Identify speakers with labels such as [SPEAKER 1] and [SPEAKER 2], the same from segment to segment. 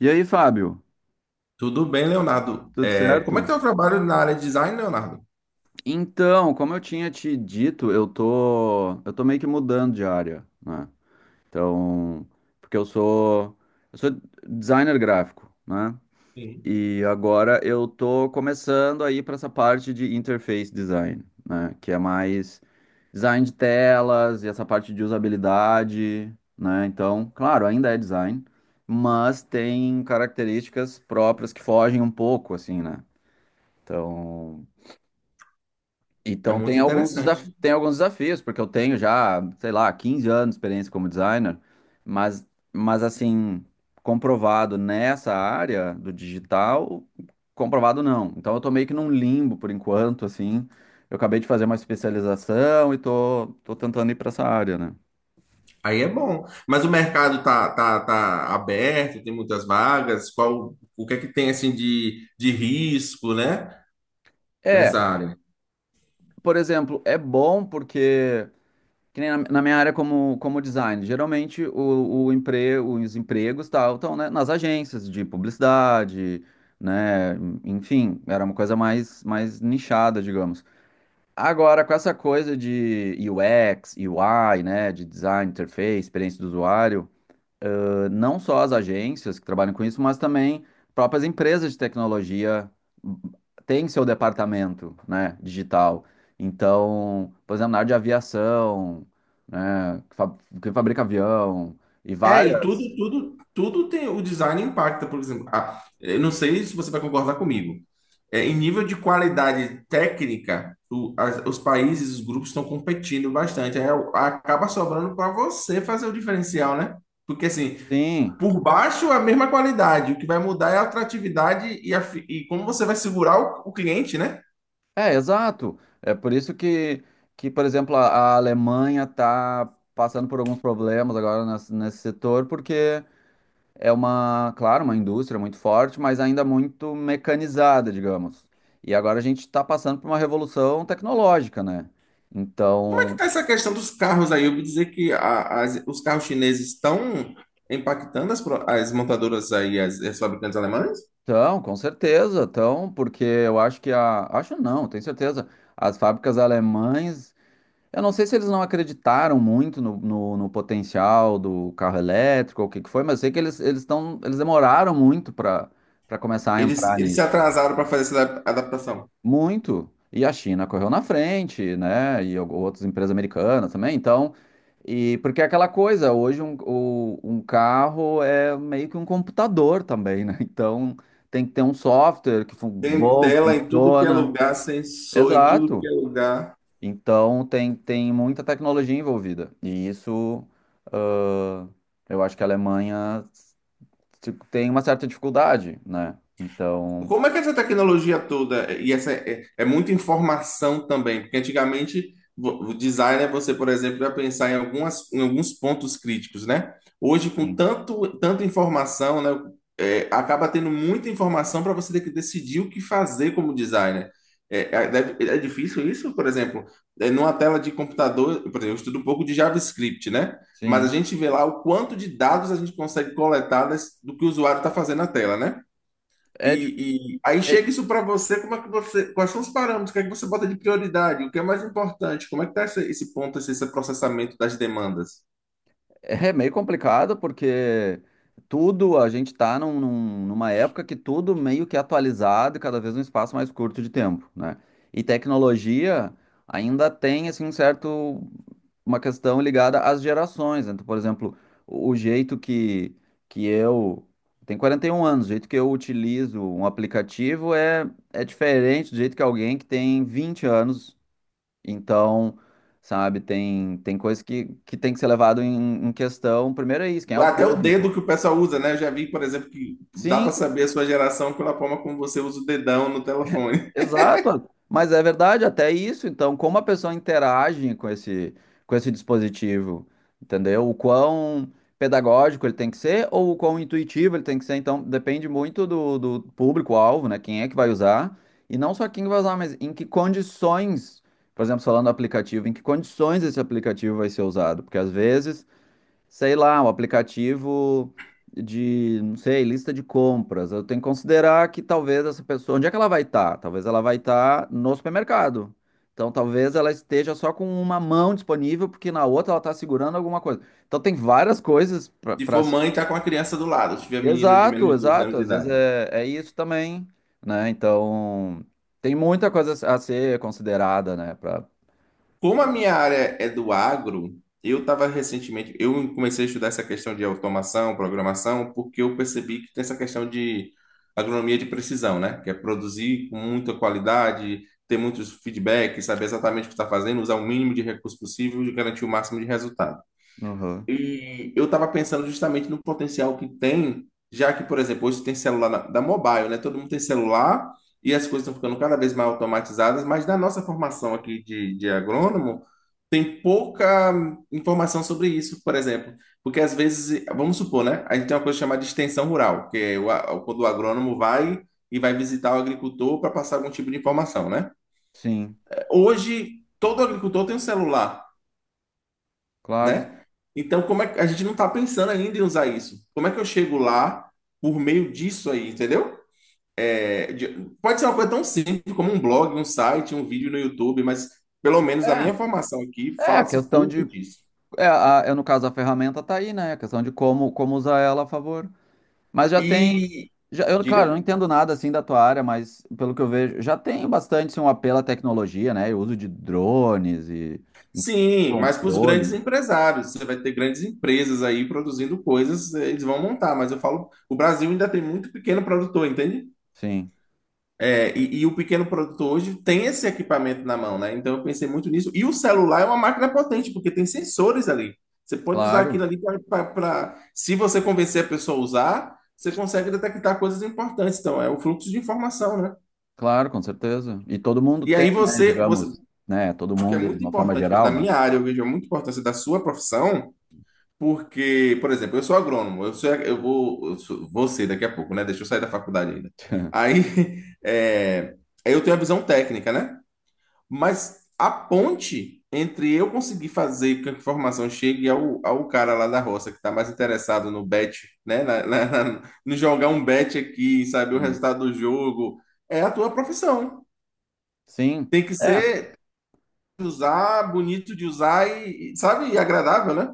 [SPEAKER 1] E aí, Fábio,
[SPEAKER 2] Tudo bem, Leonardo.
[SPEAKER 1] tudo
[SPEAKER 2] Como é que é
[SPEAKER 1] certo?
[SPEAKER 2] o trabalho na área de design, Leonardo?
[SPEAKER 1] Então, como eu tinha te dito, eu tô meio que mudando de área, né? Então, porque eu sou designer gráfico, né?
[SPEAKER 2] Sim.
[SPEAKER 1] E agora eu tô começando aí para essa parte de interface design, né? Que é mais design de telas e essa parte de usabilidade, né? Então, claro, ainda é design, mas tem características próprias que fogem um pouco, assim, né? Então
[SPEAKER 2] É
[SPEAKER 1] Então tem
[SPEAKER 2] muito
[SPEAKER 1] alguns,
[SPEAKER 2] interessante.
[SPEAKER 1] desaf tem alguns desafios, porque eu tenho já, sei lá, 15 anos de experiência como designer, mas, mas assim, comprovado nessa área do digital, comprovado não. Então eu tô meio que num limbo por enquanto, assim. Eu acabei de fazer uma especialização e tô tentando ir para essa área, né?
[SPEAKER 2] Aí é bom. Mas o mercado tá aberto, tem muitas vagas. Qual, o que é que tem assim de risco, né?
[SPEAKER 1] É,
[SPEAKER 2] Nessa área.
[SPEAKER 1] por exemplo, é bom porque que nem na minha área como, como design, geralmente os empregos tal, estão, né, nas agências de publicidade, né? Enfim, era uma coisa mais, mais nichada, digamos. Agora, com essa coisa de UX, UI, né? De design, interface, experiência do usuário, não só as agências que trabalham com isso, mas também próprias empresas de tecnologia têm seu departamento, né, digital. Então, por exemplo, na área de aviação, né, que fabrica avião e
[SPEAKER 2] É, e tudo,
[SPEAKER 1] várias.
[SPEAKER 2] tudo, tudo tem, o design impacta, por exemplo. Ah, eu não sei se você vai concordar comigo. Em nível de qualidade técnica, os países, os grupos estão competindo bastante. Aí acaba sobrando para você fazer o diferencial, né? Porque assim,
[SPEAKER 1] Sim,
[SPEAKER 2] por baixo é a mesma qualidade, o que vai mudar é a atratividade e, e como você vai segurar o cliente, né?
[SPEAKER 1] é, exato. É por isso que por exemplo, a Alemanha está passando por alguns problemas agora nesse, nesse setor, porque é uma, claro, uma indústria muito forte, mas ainda muito mecanizada, digamos. E agora a gente está passando por uma revolução tecnológica, né?
[SPEAKER 2] Como é que
[SPEAKER 1] Então,
[SPEAKER 2] está essa questão dos carros aí? Eu ouvi dizer que os carros chineses estão impactando as, as montadoras aí, as fabricantes alemãs?
[SPEAKER 1] então, com certeza, então, porque eu acho que acho não, tenho certeza, as fábricas alemães, eu não sei se eles não acreditaram muito no potencial do carro elétrico ou o que que foi, mas eu sei que eles estão, eles demoraram muito para começar a entrar
[SPEAKER 2] Eles se
[SPEAKER 1] nisso.
[SPEAKER 2] atrasaram para fazer essa adaptação.
[SPEAKER 1] Muito. E a China correu na frente, né? E outras empresas americanas também. Então, e porque é aquela coisa, hoje um carro é meio que um computador também, né? Então, tem que ter um software
[SPEAKER 2] Tem
[SPEAKER 1] bom, que
[SPEAKER 2] tela em tudo que é
[SPEAKER 1] funciona.
[SPEAKER 2] lugar, sensor em tudo que é
[SPEAKER 1] Exato.
[SPEAKER 2] lugar.
[SPEAKER 1] Então, tem, tem muita tecnologia envolvida. E isso, ah, eu acho que a Alemanha tipo, tem uma certa dificuldade, né? Então,
[SPEAKER 2] Como é que essa tecnologia toda e essa é muita informação também? Porque antigamente o designer você, por exemplo, ia pensar em algumas em alguns pontos críticos, né? Hoje com
[SPEAKER 1] sim.
[SPEAKER 2] tanto tanta informação, né, acaba tendo muita informação para você ter que decidir o que fazer como designer. É difícil isso, por exemplo, numa tela de computador, por exemplo, eu estudo um pouco de JavaScript, né? Mas a
[SPEAKER 1] Sim.
[SPEAKER 2] gente vê lá o quanto de dados a gente consegue coletar do que o usuário está fazendo na tela, né?
[SPEAKER 1] É,
[SPEAKER 2] E aí
[SPEAKER 1] difícil.
[SPEAKER 2] chega isso para você, como é que você, quais são os parâmetros, o que é que você bota de prioridade, o que é mais importante, como é que tá esse ponto, esse processamento das demandas?
[SPEAKER 1] É meio complicado porque tudo, a gente tá numa época que tudo meio que é atualizado e cada vez um espaço mais curto de tempo, né? E tecnologia ainda tem, assim, um certo, uma questão ligada às gerações, né? Então, por exemplo, o jeito que eu, tenho 41 anos, o jeito que eu utilizo um aplicativo é diferente do jeito que alguém que tem 20 anos então, sabe, tem, tem coisa que tem que ser levado em questão. Primeiro é isso, quem é o
[SPEAKER 2] Até o dedo que
[SPEAKER 1] público.
[SPEAKER 2] o pessoal usa, né? Eu já vi, por exemplo, que dá para
[SPEAKER 1] Sim,
[SPEAKER 2] saber a sua geração pela forma como você usa o dedão no telefone.
[SPEAKER 1] exato. Mas é verdade, até isso. Então, como a pessoa interage com esse dispositivo, entendeu? O quão pedagógico ele tem que ser ou o quão intuitivo ele tem que ser. Então, depende muito do público-alvo, né? Quem é que vai usar. E não só quem vai usar, mas em que condições, por exemplo, falando do aplicativo, em que condições esse aplicativo vai ser usado. Porque às vezes. Sei lá, um aplicativo de, não sei, lista de compras. Eu tenho que considerar que talvez essa pessoa, onde é que ela vai estar? Talvez ela vai estar no supermercado. Então, talvez ela esteja só com uma mão disponível, porque na outra ela está segurando alguma coisa. Então, tem várias coisas para.
[SPEAKER 2] Se for mãe, tá com a criança do lado, se tiver menino de menos
[SPEAKER 1] Exato,
[SPEAKER 2] de 12
[SPEAKER 1] exato.
[SPEAKER 2] anos de
[SPEAKER 1] Às vezes
[SPEAKER 2] idade.
[SPEAKER 1] é isso também, né? Então, tem muita coisa a ser considerada, né? Pra...
[SPEAKER 2] Como a minha área é do agro, eu estava recentemente, eu comecei a estudar essa questão de automação, programação, porque eu percebi que tem essa questão de agronomia de precisão, né? Que é produzir com muita qualidade, ter muitos feedbacks, saber exatamente o que está fazendo, usar o mínimo de recurso possível e garantir o máximo de resultado.
[SPEAKER 1] Uhum.
[SPEAKER 2] E eu estava pensando justamente no potencial que tem, já que, por exemplo, hoje tem celular da mobile, né? Todo mundo tem celular e as coisas estão ficando cada vez mais automatizadas, mas na nossa formação aqui de agrônomo, tem pouca informação sobre isso, por exemplo. Porque às vezes, vamos supor, né? A gente tem uma coisa chamada de extensão rural, que é quando o agrônomo vai e vai visitar o agricultor para passar algum tipo de informação, né?
[SPEAKER 1] Sim,
[SPEAKER 2] Hoje, todo agricultor tem um celular
[SPEAKER 1] claro.
[SPEAKER 2] né? Então, como é que a gente não está pensando ainda em usar isso? Como é que eu chego lá por meio disso aí, entendeu? É, de- Pode ser uma coisa tão simples como um blog, um site, um vídeo no YouTube, mas pelo menos na
[SPEAKER 1] É,
[SPEAKER 2] minha formação aqui
[SPEAKER 1] é a
[SPEAKER 2] fala-se
[SPEAKER 1] questão
[SPEAKER 2] pouco
[SPEAKER 1] de
[SPEAKER 2] disso.
[SPEAKER 1] é, é, no caso, a ferramenta tá aí, né? A questão de como, como usar ela a favor. Mas já tem.
[SPEAKER 2] E
[SPEAKER 1] Já, eu, claro, não
[SPEAKER 2] diga,
[SPEAKER 1] entendo nada assim da tua área, mas pelo que eu vejo, já tem bastante assim, um apelo à tecnologia, né? E o uso de drones e
[SPEAKER 2] sim, mas para os grandes
[SPEAKER 1] controle.
[SPEAKER 2] empresários, você vai ter grandes empresas aí produzindo coisas, eles vão montar, mas eu falo, o Brasil ainda tem muito pequeno produtor, entende?
[SPEAKER 1] Sim,
[SPEAKER 2] E, e o pequeno produtor hoje tem esse equipamento na mão, né? Então eu pensei muito nisso. E o celular é uma máquina potente, porque tem sensores ali. Você pode usar aquilo
[SPEAKER 1] claro,
[SPEAKER 2] ali para. Se você convencer a pessoa a usar, você consegue detectar coisas importantes. Então, é o fluxo de informação, né?
[SPEAKER 1] claro, com certeza. E todo mundo
[SPEAKER 2] E
[SPEAKER 1] tem,
[SPEAKER 2] aí
[SPEAKER 1] né?
[SPEAKER 2] você
[SPEAKER 1] Digamos, né? Todo
[SPEAKER 2] acho que é
[SPEAKER 1] mundo de
[SPEAKER 2] muito
[SPEAKER 1] uma forma
[SPEAKER 2] importante, por
[SPEAKER 1] geral,
[SPEAKER 2] exemplo, na minha
[SPEAKER 1] mas.
[SPEAKER 2] área eu vejo muita importância da sua profissão, porque, por exemplo, eu sou agrônomo, eu sou, eu vou, eu sou, vou ser daqui a pouco, né? Deixa eu sair da faculdade ainda. Aí, é, eu tenho a visão técnica, né? Mas a ponte entre eu conseguir fazer com que a informação chegue ao cara lá da roça que está mais interessado no bet, né? No jogar um bet aqui, saber o
[SPEAKER 1] Hum,
[SPEAKER 2] resultado do jogo, é a tua profissão.
[SPEAKER 1] sim.
[SPEAKER 2] Tem que
[SPEAKER 1] É.
[SPEAKER 2] ser usar, bonito de usar sabe, e agradável, né?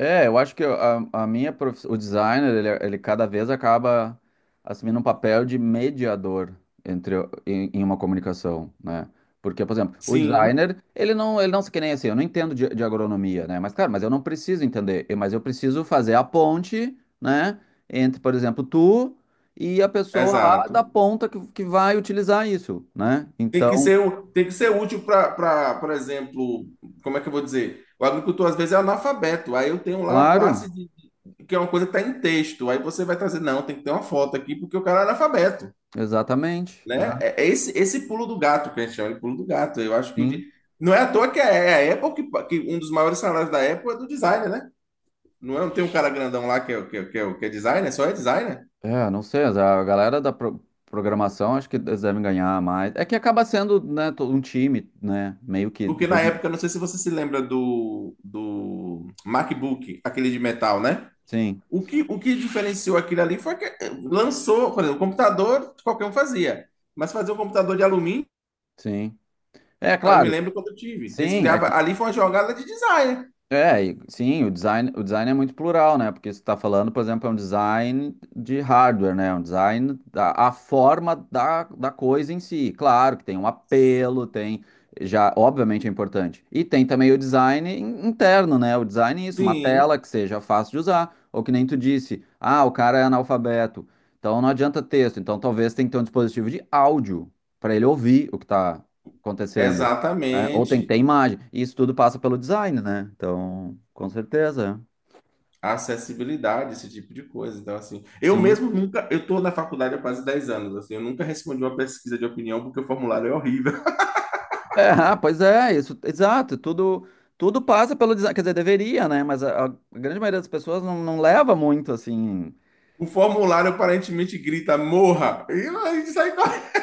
[SPEAKER 1] É, eu acho que o designer, ele cada vez acaba assumindo um papel de mediador entre, em, em uma comunicação, né? Porque, por exemplo, o
[SPEAKER 2] Sim,
[SPEAKER 1] designer, ele não se que nem assim, eu não entendo de agronomia, né? Mas, cara, eu não preciso entender, mas eu preciso fazer a ponte, né? Entre, por exemplo, tu e a pessoa lá da
[SPEAKER 2] exato.
[SPEAKER 1] ponta que vai utilizar isso, né? Então,
[SPEAKER 2] Tem que ser útil para, por exemplo, como é que eu vou dizer? O agricultor às vezes é analfabeto, aí eu tenho lá a classe
[SPEAKER 1] claro,
[SPEAKER 2] de que é uma coisa que está em texto. Aí você vai trazer, não, tem que ter uma foto aqui, porque o cara é analfabeto,
[SPEAKER 1] exatamente. É,
[SPEAKER 2] né? Esse pulo do gato que a gente chama de pulo do gato. Eu acho que o
[SPEAKER 1] sim.
[SPEAKER 2] de... Não é à toa que é é a Apple, que um dos maiores salários da Apple é do designer, né? Não, é, não tem um cara grandão lá que é designer, só é designer.
[SPEAKER 1] É, não sei, a galera da pro- programação acho que eles devem ganhar mais. É que acaba sendo, né, um time, né, meio que
[SPEAKER 2] Porque na
[SPEAKER 1] junto.
[SPEAKER 2] época, não sei se você se lembra do MacBook, aquele de metal, né?
[SPEAKER 1] Sim,
[SPEAKER 2] O que diferenciou aquilo ali foi que lançou, por exemplo, o computador qualquer um fazia, mas fazer um computador de alumínio.
[SPEAKER 1] sim. É,
[SPEAKER 2] Cara, eu me
[SPEAKER 1] claro.
[SPEAKER 2] lembro quando eu tive.
[SPEAKER 1] Sim, é
[SPEAKER 2] Respirava.
[SPEAKER 1] que
[SPEAKER 2] Ali foi uma jogada de design.
[SPEAKER 1] é, e, sim, o design é muito plural, né? Porque você está falando, por exemplo, é um design de hardware, né? É um design da a forma da coisa em si. Claro que tem um apelo, tem já, obviamente é importante. E tem também o design interno, né? O design isso, uma tela
[SPEAKER 2] Sim,
[SPEAKER 1] que seja fácil de usar, ou que nem tu disse, ah, o cara é analfabeto, então não adianta texto. Então talvez tenha que ter um dispositivo de áudio para ele ouvir o que está acontecendo né? Ou tem que
[SPEAKER 2] exatamente.
[SPEAKER 1] ter imagem. E isso tudo passa pelo design, né? Então, com certeza.
[SPEAKER 2] Acessibilidade, esse tipo de coisa. Então, assim, eu
[SPEAKER 1] Sim.
[SPEAKER 2] mesmo nunca. Eu estou na faculdade há quase 10 anos. Assim, eu nunca respondi uma pesquisa de opinião porque o formulário é horrível.
[SPEAKER 1] É, ah, pois é, isso, exato. Tudo, tudo passa pelo design. Quer dizer, deveria, né? Mas a grande maioria das pessoas não, não leva muito assim.
[SPEAKER 2] O formulário aparentemente grita morra. E a gente sai correndo.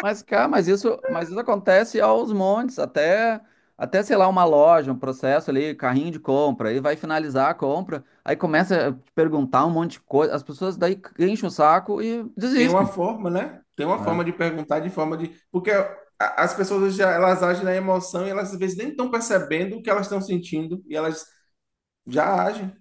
[SPEAKER 1] Mas, cara, mas isso acontece aos montes, até, até, sei lá, uma loja, um processo ali, carrinho de compra, aí vai finalizar a compra, aí começa a te perguntar um monte de coisa, as pessoas daí enchem o saco e
[SPEAKER 2] Tem uma
[SPEAKER 1] desistem.
[SPEAKER 2] forma, né? Tem uma forma
[SPEAKER 1] Né?
[SPEAKER 2] de perguntar, de forma de. As pessoas já elas agem na emoção e elas às vezes nem estão percebendo o que elas estão sentindo e elas já agem.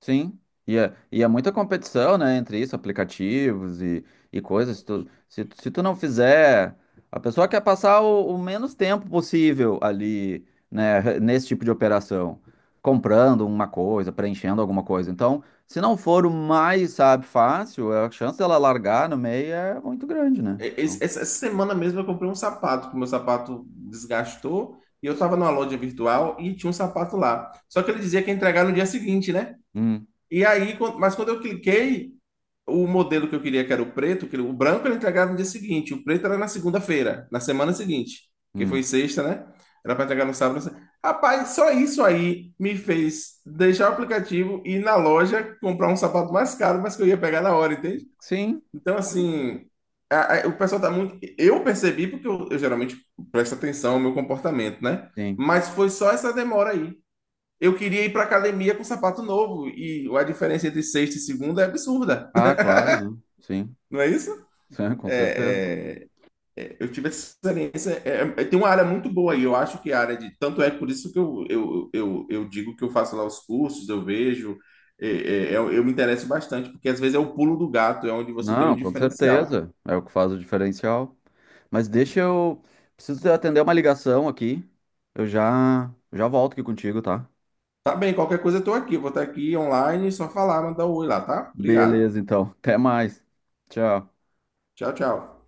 [SPEAKER 1] Sim, e é muita competição, né, entre isso, aplicativos e coisas. Se tu, se tu não fizer, a pessoa quer passar o menos tempo possível ali, né, nesse tipo de operação, comprando uma coisa, preenchendo alguma coisa. Então, se não for o mais, sabe, fácil, a chance dela largar no meio é muito grande, né? Então,
[SPEAKER 2] Essa semana mesmo eu comprei um sapato, que o meu sapato desgastou, e eu tava numa loja virtual e tinha um sapato lá. Só que ele dizia que ia entregar no dia seguinte, né?
[SPEAKER 1] hum,
[SPEAKER 2] Mas quando eu cliquei, o modelo que eu queria, que era o preto, que o branco ele entregava no dia seguinte, o preto era na segunda-feira, na semana seguinte, que foi
[SPEAKER 1] hum.
[SPEAKER 2] sexta, né? Era para entregar no sábado. Na se- Rapaz, só isso aí me fez deixar o aplicativo e ir na loja comprar um sapato mais caro, mas que eu ia pegar na hora, entende?
[SPEAKER 1] Sim,
[SPEAKER 2] Então, assim, o pessoal tá muito. Eu percebi porque eu geralmente presto atenção ao meu comportamento, né?
[SPEAKER 1] sim.
[SPEAKER 2] Mas foi só essa demora aí. Eu queria ir pra academia com sapato novo e a diferença entre sexta e segunda é absurda,
[SPEAKER 1] Ah, claro, né? Sim,
[SPEAKER 2] não é isso?
[SPEAKER 1] sim, com certeza.
[SPEAKER 2] É, eu tive essa experiência. Tem uma área muito boa aí, eu acho que a área de. Tanto é por isso que eu digo que eu faço lá os cursos, eu vejo, é, eu me interesso bastante, porque às vezes é o pulo do gato, é onde você tem um
[SPEAKER 1] Não, com
[SPEAKER 2] diferencial.
[SPEAKER 1] certeza. É o que faz o diferencial. Mas deixa eu. Preciso atender uma ligação aqui. Eu já volto aqui contigo, tá?
[SPEAKER 2] Tá bem, qualquer coisa eu tô aqui. Vou estar aqui online, só falar, mandar um oi lá, tá? Obrigado.
[SPEAKER 1] Beleza, então. Até mais. Tchau.
[SPEAKER 2] Tchau, tchau.